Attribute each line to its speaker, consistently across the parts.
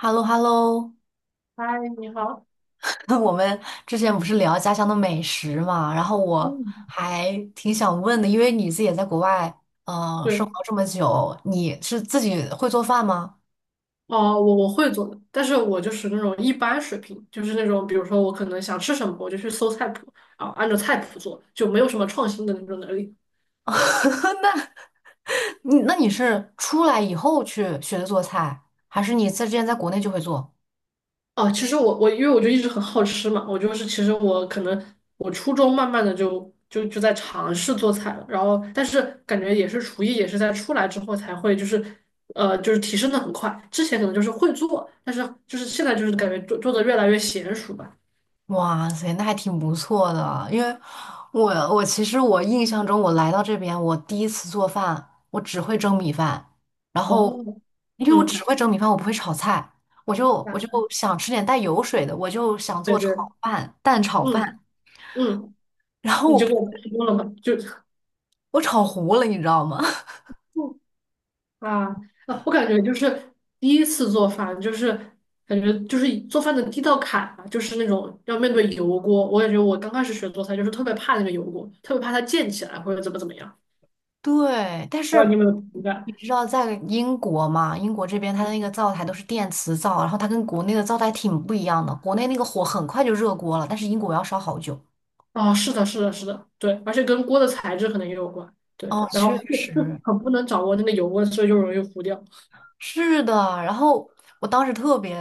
Speaker 1: h e l l o h e l l o
Speaker 2: 嗨，你好。
Speaker 1: 我们之前不是聊家乡的美食嘛，然后我
Speaker 2: 嗯，
Speaker 1: 还挺想问的，因为你自己也在国外，嗯，生活
Speaker 2: 对，
Speaker 1: 这么久，你是自己会做饭吗？
Speaker 2: 我会做的，但是我就是那种一般水平，就是那种，比如说我可能想吃什么，我就去搜菜谱，啊，按照菜谱做，就没有什么创新的那种能力。
Speaker 1: 那，你是出来以后去学的做菜，还是你在之前在国内就会做？
Speaker 2: 其实因为我就一直很好吃嘛，我就是其实我可能我初中慢慢的就在尝试做菜了，然后但是感觉也是厨艺也是在出来之后才会就是就是提升的很快，之前可能就是会做，但是就是现在就是感觉做的越来越娴熟吧。
Speaker 1: 哇塞，那还挺不错的。因为我其实印象中，我来到这边，我第一次做饭，我只会蒸米饭，然后
Speaker 2: 哦，
Speaker 1: 因为我只
Speaker 2: 嗯。
Speaker 1: 会蒸米饭，我不会炒菜，我就
Speaker 2: 啊，
Speaker 1: 我就想吃点带油水的，我就想
Speaker 2: 对
Speaker 1: 做
Speaker 2: 对，
Speaker 1: 炒饭，蛋炒
Speaker 2: 嗯
Speaker 1: 饭，
Speaker 2: 嗯，
Speaker 1: 然后
Speaker 2: 你
Speaker 1: 我
Speaker 2: 就给我提供了嘛，就，
Speaker 1: 我炒糊了，你知道吗？
Speaker 2: 嗯啊啊，我感觉就是第一次做饭，就是感觉就是做饭的第一道坎吧，就是那种要面对油锅。我感觉我刚开始学做菜，就是特别怕那个油锅，特别怕它溅起来或者怎么怎么样。
Speaker 1: 对，但
Speaker 2: 不知道你
Speaker 1: 是
Speaker 2: 有没有同感？
Speaker 1: 你知道在英国嘛？英国这边它的那个灶台都是电磁灶，然后它跟国内的灶台挺不一样的。国内那个火很快就热锅了，但是英国要烧好久。
Speaker 2: 啊，是的，是的，是的，对，而且跟锅的材质可能也有关，对，
Speaker 1: 哦，
Speaker 2: 然
Speaker 1: 确
Speaker 2: 后就
Speaker 1: 实
Speaker 2: 很不能掌握那个油温，所以就容易糊掉。
Speaker 1: 是的。然后我当时特别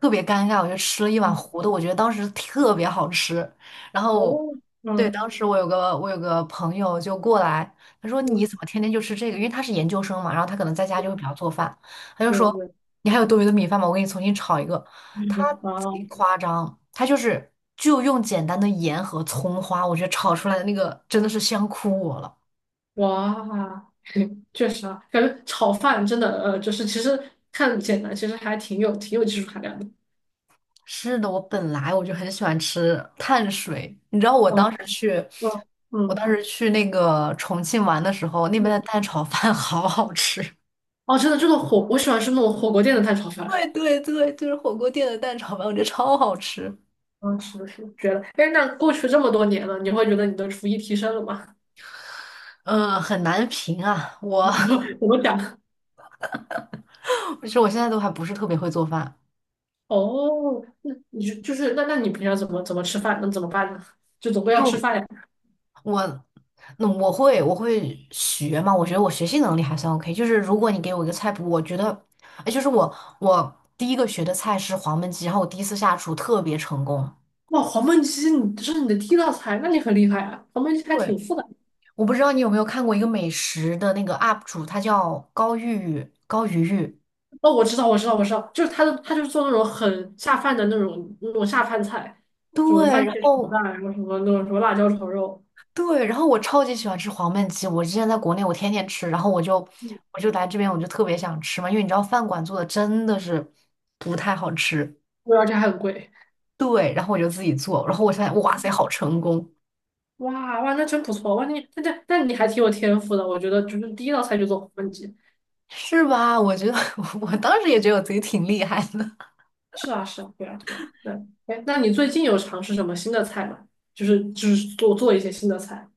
Speaker 1: 特别尴尬，我就吃了一碗
Speaker 2: 嗯
Speaker 1: 糊的，我觉得当时特别好吃。然后，
Speaker 2: 哦，
Speaker 1: 对，当
Speaker 2: 嗯
Speaker 1: 时我有个朋友就过来，他说你
Speaker 2: 对
Speaker 1: 怎么天天就吃这个？因为他是研究生嘛，然后他可能在家就会比较做饭，他就
Speaker 2: 对
Speaker 1: 说
Speaker 2: 对，
Speaker 1: 你还有多余的米饭吗？我给你重新炒一个。他 贼
Speaker 2: 啊，
Speaker 1: 夸张，他就用简单的盐和葱花，我觉得炒出来的那个真的是香哭我了。
Speaker 2: 哇，确实啊，感觉炒饭真的，就是其实看简单，其实还挺有挺有技术含量的。
Speaker 1: 是的，我本来就很喜欢吃碳水，你知道我
Speaker 2: 嗯
Speaker 1: 当时去，
Speaker 2: 嗯
Speaker 1: 我当
Speaker 2: 嗯
Speaker 1: 时去那个重庆玩的时候，那边的
Speaker 2: 嗯，
Speaker 1: 蛋炒饭 好好吃。
Speaker 2: 哦，真的，这个火，我喜欢吃那种火锅店的蛋炒饭。
Speaker 1: 对对对，就是火锅店的蛋炒饭，我觉得超好吃。
Speaker 2: 嗯，是的，是的，觉得。哎，那过去这么多年了，你会觉得你的厨艺提升了吗？
Speaker 1: 嗯，很难评啊，我
Speaker 2: 我们讲，
Speaker 1: 其实我现在都还不是特别会做饭，
Speaker 2: 哦，那你就是那你平常怎么怎么吃饭？那怎么办呢？就总归要吃
Speaker 1: 就
Speaker 2: 饭呀。
Speaker 1: 我。那我会，我会学嘛？我觉得我学习能力还算 OK。就是如果你给我一个菜谱，我觉得，哎，就是我第一个学的菜是黄焖鸡，然后我第一次下厨特别成功。
Speaker 2: 哇，黄焖鸡，你这是你的第一道菜，那你很厉害啊！黄焖鸡还
Speaker 1: 对，
Speaker 2: 挺复杂。
Speaker 1: 我不知道你有没有看过一个美食的那个 UP 主，他叫高鱼玉。
Speaker 2: 哦，我知道，我知道，我知道，就是他的，他就是做那种很下饭的那种下饭菜，什么
Speaker 1: 对，
Speaker 2: 番
Speaker 1: 然
Speaker 2: 茄炒
Speaker 1: 后
Speaker 2: 蛋，然后什么那种什么辣椒炒肉，
Speaker 1: 对，然后我超级喜欢吃黄焖鸡，我之前在国内我天天吃，然后我就
Speaker 2: 嗯，
Speaker 1: 我就来这边我就特别想吃嘛，因为你知道饭馆做的真的是不太好吃。
Speaker 2: 对而且还很贵。
Speaker 1: 对，然后我就自己做，然后我发现哇塞，好成功，
Speaker 2: 哇哇，那真不错哇！你那你还挺有天赋的，我觉得就是第一道菜就做黄焖鸡。
Speaker 1: 是吧？我觉得 我当时也觉得我自己挺厉害的。
Speaker 2: 是啊是啊，对啊对啊对啊。哎，那你最近有尝试什么新的菜吗？就是就是做做一些新的菜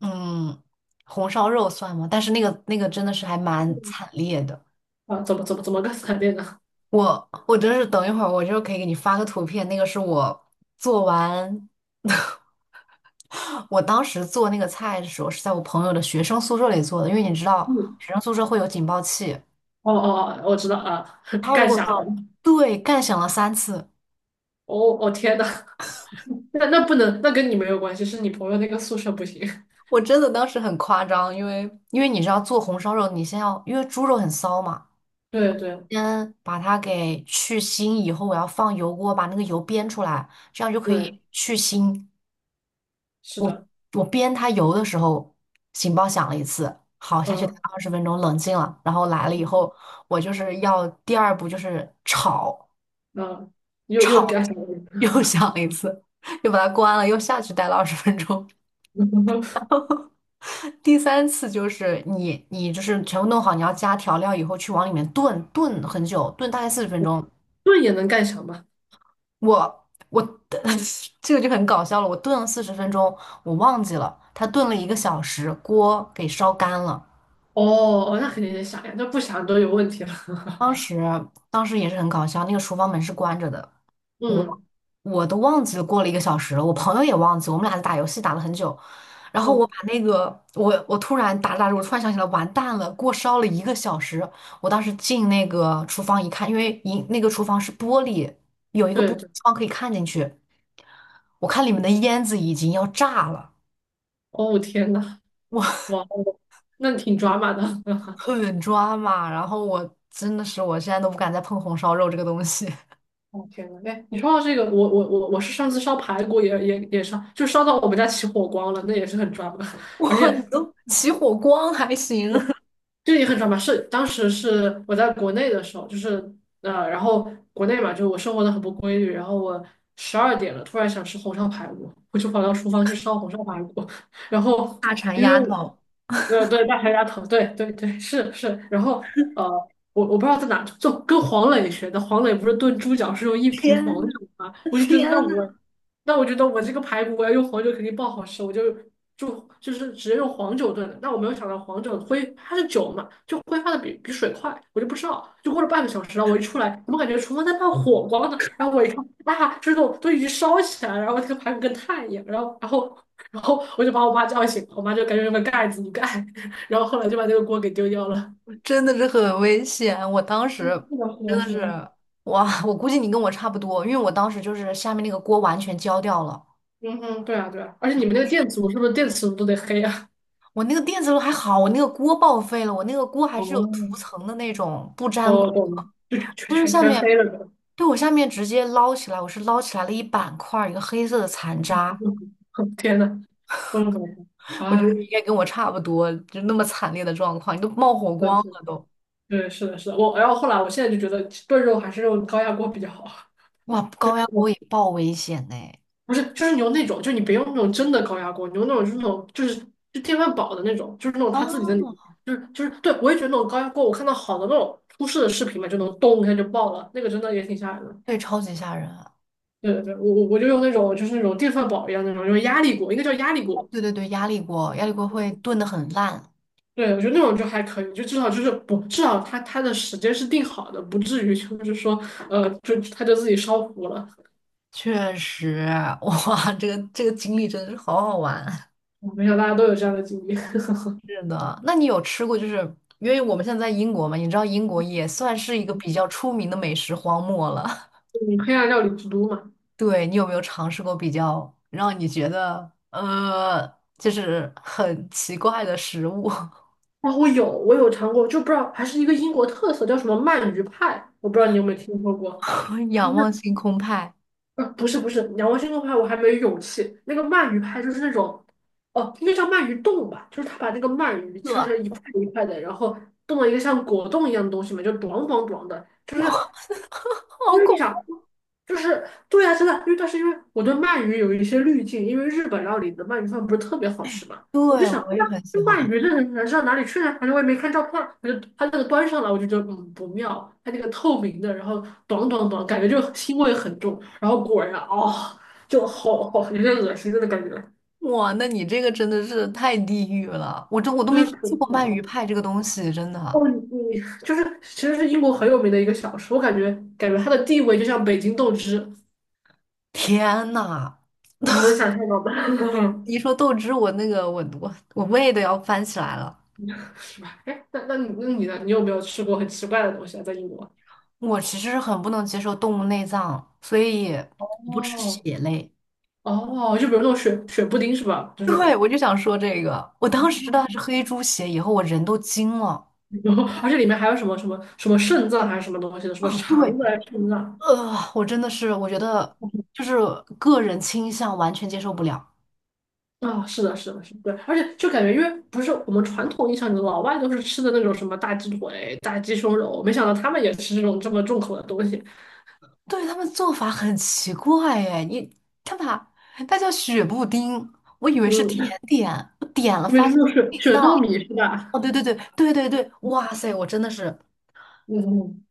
Speaker 1: 嗯，红烧肉算吗？但是那个真的是还蛮惨烈的。
Speaker 2: 啊？怎么个 惨烈呢？
Speaker 1: 我真是等一会儿，我就可以给你发个图片，那个是我做完，我当时做那个菜的时候是在我朋友的学生宿舍里做的，因为你知道
Speaker 2: 嗯，
Speaker 1: 学生宿舍会有警报器，
Speaker 2: 哦哦哦，我知道啊，
Speaker 1: 他如
Speaker 2: 干
Speaker 1: 果
Speaker 2: 虾
Speaker 1: 说
Speaker 2: 仁。
Speaker 1: 对干响了三次，
Speaker 2: 哦哦天呐，那那不能，那跟你没有关系，是你朋友那个宿舍不行。
Speaker 1: 我真的当时很夸张，因为你知道做红烧肉，你先要因为猪肉很骚嘛，
Speaker 2: 对对
Speaker 1: 先把它给去腥，以后我要放油锅把那个油煸出来，这样就可
Speaker 2: 对，
Speaker 1: 以去腥。
Speaker 2: 是的，
Speaker 1: 我边它油的时候，警报响了一次，好，下去待
Speaker 2: 嗯
Speaker 1: 二十分钟，冷静了，然后来了以
Speaker 2: 嗯
Speaker 1: 后，我就是要第二步就是炒，
Speaker 2: 嗯又
Speaker 1: 炒
Speaker 2: 干什么？
Speaker 1: 又 响了一次，又把它关了，又下去待了二十分钟，第三次就是你就是全部弄好，你要加调料以后去往里面炖炖很久，炖大概四十分钟，
Speaker 2: 盾也能干啥嘛？
Speaker 1: 我 这个就很搞笑了，我炖了四十分钟，我忘记了它炖了一个小时，锅给烧干了。
Speaker 2: 哦哦，那肯定得想呀，那不想都有问题了。
Speaker 1: 当时当时也是很搞笑，那个厨房门是关着的，我
Speaker 2: 嗯
Speaker 1: 我都忘记了过了一个小时了，我朋友也忘记我们俩打游戏打了很久，然后我
Speaker 2: 嗯，
Speaker 1: 把那个我突然打着打着，我突然想起来，完蛋了，锅烧了一个小时，我当时进那个厨房一看，因为一那个厨房是玻璃，有一个
Speaker 2: 对
Speaker 1: 玻璃
Speaker 2: 对，
Speaker 1: 窗可以看进去，我看里面的烟子已经要炸了，
Speaker 2: 哦天呐，
Speaker 1: 我
Speaker 2: 哇 哦，那挺抓马的。
Speaker 1: 很抓马，然后我真的是我现在都不敢再碰红烧肉这个东西。
Speaker 2: 哦天呐，哎，你说到这个，我是上次烧排骨也烧，就烧到我们家起火光了，那也是很抓马，而
Speaker 1: 哇，你
Speaker 2: 且。
Speaker 1: 都起火光还行，
Speaker 2: 这也很常吧，是当时是我在国内的时候，就是然后国内嘛，就是我生活的很不规律，然后我12点了，突然想吃红烧排骨，我就跑到厨房去烧红烧排骨，然后
Speaker 1: 大馋
Speaker 2: 因为
Speaker 1: 丫
Speaker 2: 我
Speaker 1: 头，
Speaker 2: 对大排鸭头，对对对是是，然后呃我不知道在哪，就跟黄磊学的，黄磊不是炖猪脚是用一瓶
Speaker 1: 天
Speaker 2: 黄
Speaker 1: 呐，
Speaker 2: 酒吗？我就觉得
Speaker 1: 天呐，
Speaker 2: 那我觉得我这个排骨我要用黄酒肯定爆好吃，我就就是直接用黄酒炖的。但我没有想到黄酒挥它是酒嘛，就挥发的比水快，我就不知道。就过了半个小时，然后我一出来，怎么感觉厨房在冒火光呢？然后我一看，啊，这种都已经烧起来了，然后这个排骨跟炭一样。然后然后我就把我妈叫醒，我妈就赶紧用个盖子一盖，然后后来就把这个锅给丢掉了。
Speaker 1: 真的是很危险。我当
Speaker 2: 是
Speaker 1: 时
Speaker 2: 的，是
Speaker 1: 真
Speaker 2: 的，
Speaker 1: 的
Speaker 2: 是
Speaker 1: 是，
Speaker 2: 的。
Speaker 1: 哇，我估计你跟我差不多，因为我当时就是下面那个锅完全焦掉了，
Speaker 2: 嗯哼，对啊，对啊。而且你们那个电磁炉是不是电磁炉都得黑啊？
Speaker 1: 我那个电磁炉还好，我那个锅报废了，我那个锅还是有
Speaker 2: 哦，
Speaker 1: 涂层的那种，不粘锅，
Speaker 2: 我懂，就全全
Speaker 1: 就是
Speaker 2: 全
Speaker 1: 下
Speaker 2: 全
Speaker 1: 面，
Speaker 2: 黑了都。
Speaker 1: 对，我下面直接捞起来，我是捞起来了一板块儿，一个黑色的残渣，
Speaker 2: 天呐，嗯，
Speaker 1: 我觉
Speaker 2: 啊，
Speaker 1: 得你应该跟我差不多，就那么惨烈的状况，你都冒火
Speaker 2: 真的
Speaker 1: 光
Speaker 2: 是，
Speaker 1: 了都。
Speaker 2: 对，是的，是的，我，然后后来，我现在就觉得炖肉还是用高压锅比较好，
Speaker 1: 哇，
Speaker 2: 就
Speaker 1: 高
Speaker 2: 是
Speaker 1: 压锅
Speaker 2: 我
Speaker 1: 也爆危险呢。
Speaker 2: 不是，就是你用那种，就你别用那种真的高压锅，你用那种就是那种就是就电饭煲的那种，就是那种它自己的里
Speaker 1: 哦，
Speaker 2: 面就是对，我也觉得那种高压锅，我看到好的那种出事的视频嘛，就能咚一下就爆了，那个真的也挺吓人的。
Speaker 1: 对，超级吓人啊
Speaker 2: 对对对，我就用那种就是那种电饭煲一样那种，用压力锅，应该叫压力锅，
Speaker 1: 对对对，压力锅，压力锅会炖得很烂，
Speaker 2: 对，我觉得那种就还可以，就至少就是不，至少他的时间是定好的，不至于就是说，就他就自己烧糊了。
Speaker 1: 确实，哇，这个经历真的是好好玩。
Speaker 2: 我没想到大家都有这样的经历。
Speaker 1: 是的，那你有吃过就是，因为我们现在在英国嘛，你知道英国也算是一个比较出名的美食荒漠了。
Speaker 2: 你黑暗料理之都嘛？
Speaker 1: 对，你有没有尝试过比较让你觉得就是很奇怪的食物？
Speaker 2: 啊，我有，我有尝过，就不知道还是一个英国特色，叫什么鳗鱼派，我不知道你有没有听说过。就
Speaker 1: 仰望
Speaker 2: 是
Speaker 1: 星空派，
Speaker 2: 不是不是，仰望星空派我还没有勇气。那个鳗鱼派就是那种，哦，应该叫鳗鱼冻吧，就是他把那个鳗鱼
Speaker 1: 对，
Speaker 2: 切成
Speaker 1: 好
Speaker 2: 一块一块的，然后冻了一个像果冻一样的东西嘛，就短短短的，就是。因
Speaker 1: 恐
Speaker 2: 为你想，
Speaker 1: 怖。
Speaker 2: 就是对呀，真的，因为但是因为我对鳗鱼有一些滤镜，因为日本料理的鳗鱼饭不是特别好吃嘛，我就
Speaker 1: 对，
Speaker 2: 想，
Speaker 1: 我
Speaker 2: 那
Speaker 1: 也很
Speaker 2: 那
Speaker 1: 喜
Speaker 2: 鳗
Speaker 1: 欢。
Speaker 2: 鱼的人上哪里去呢？反正我也没看照片儿，反正它那个端上来，我就觉得嗯不妙，它那个透明的，然后短短短，感觉就腥味很重，然后果然哦，就好好有点恶心的感觉，
Speaker 1: 哇，那你这个真的是太地狱了！我都
Speaker 2: 有
Speaker 1: 没
Speaker 2: 点
Speaker 1: 听
Speaker 2: 可
Speaker 1: 说
Speaker 2: 恶
Speaker 1: 过鳗鱼
Speaker 2: 嘛。
Speaker 1: 派这个东西，真的。
Speaker 2: 哦，你就是其实是英国很有名的一个小吃，我感觉感觉它的地位就像北京豆汁，
Speaker 1: 天呐，
Speaker 2: 你能想象到吗？
Speaker 1: 一说豆汁，我那个我我我胃都要翻起来了。
Speaker 2: 是吧？哎，那你呢？你有没有吃过很奇怪的东西啊？在英国？
Speaker 1: 我其实是很不能接受动物内脏，所以我不吃
Speaker 2: 哦
Speaker 1: 血类。
Speaker 2: 哦，就比如那种雪雪布丁是吧？就是那
Speaker 1: 对，
Speaker 2: 种，
Speaker 1: 我就想说这个，我当时吃到的是黑猪血，以后我人都惊了。
Speaker 2: 然后而且里面还有什么肾脏还是什么东西的，什么
Speaker 1: 啊，对，
Speaker 2: 肠子还是肾脏
Speaker 1: 我真的是，我觉得就是个人倾向完全接受不了。
Speaker 2: 啊、是的，是的，是的，对，而且就感觉，因为不是我们传统印象里老外都是吃的那种什么大鸡腿、大鸡胸肉，没想到他们也吃这种这么重口的东东西。
Speaker 1: 对，他们做法很奇怪哎，你他把它叫雪布丁，我以为是
Speaker 2: 嗯，
Speaker 1: 甜点，我点了
Speaker 2: 因为是
Speaker 1: 发
Speaker 2: 那
Speaker 1: 现是
Speaker 2: 种
Speaker 1: 内
Speaker 2: 雪雪
Speaker 1: 脏。
Speaker 2: 糯米是
Speaker 1: 哦，
Speaker 2: 吧？
Speaker 1: 对对对对对对，哇塞，我真的是很
Speaker 2: 嗯，嗯，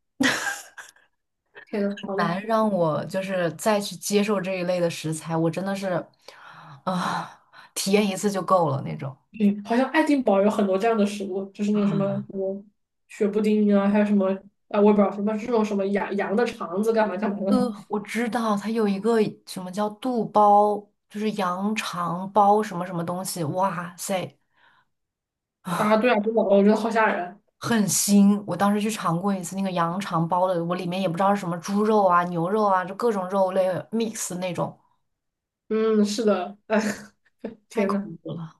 Speaker 2: 天呐，好的。
Speaker 1: 难让我就是再去接受这一类的食材，我真的是啊、体验一次就够了那种。
Speaker 2: 对，好像爱丁堡有很多这样的食物，就是那种什么什么雪布丁啊，还有什么啊，我也不知道什么这种什么羊羊的肠子干嘛干嘛的
Speaker 1: 我知道它有一个什么叫肚包，就是羊肠包什么什么东西，哇塞，
Speaker 2: 啊，对啊，真的，我觉得好吓人。
Speaker 1: 很腥。我当时去尝过一次那个羊肠包的，我里面也不知道是什么猪肉啊、牛肉啊，就各种肉类 mix 那种，
Speaker 2: 嗯，是的，哎，
Speaker 1: 太
Speaker 2: 天
Speaker 1: 恐
Speaker 2: 呐，
Speaker 1: 怖了。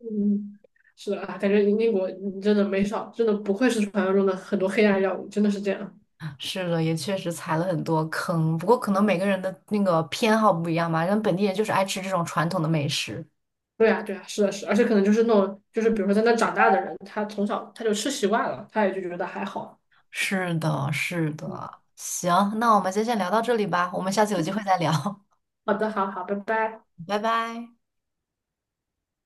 Speaker 2: 嗯，是的啊，感觉英国你真的没少，真的不愧是传说中的很多黑暗药物，真的是这样。
Speaker 1: 是的，也确实踩了很多坑，不过可能每个人的那个偏好不一样吧，人本地人就是爱吃这种传统的美食。
Speaker 2: 对啊，对啊，是的，是的而且可能就是那种，就是比如说在那长大的人，他从小他就吃习惯了，他也就觉得还好。
Speaker 1: 是的，是
Speaker 2: 嗯，
Speaker 1: 的。行，那我们今天先聊到这里吧，我们下次有机会再聊，
Speaker 2: 好的，好好，拜拜。
Speaker 1: 拜拜。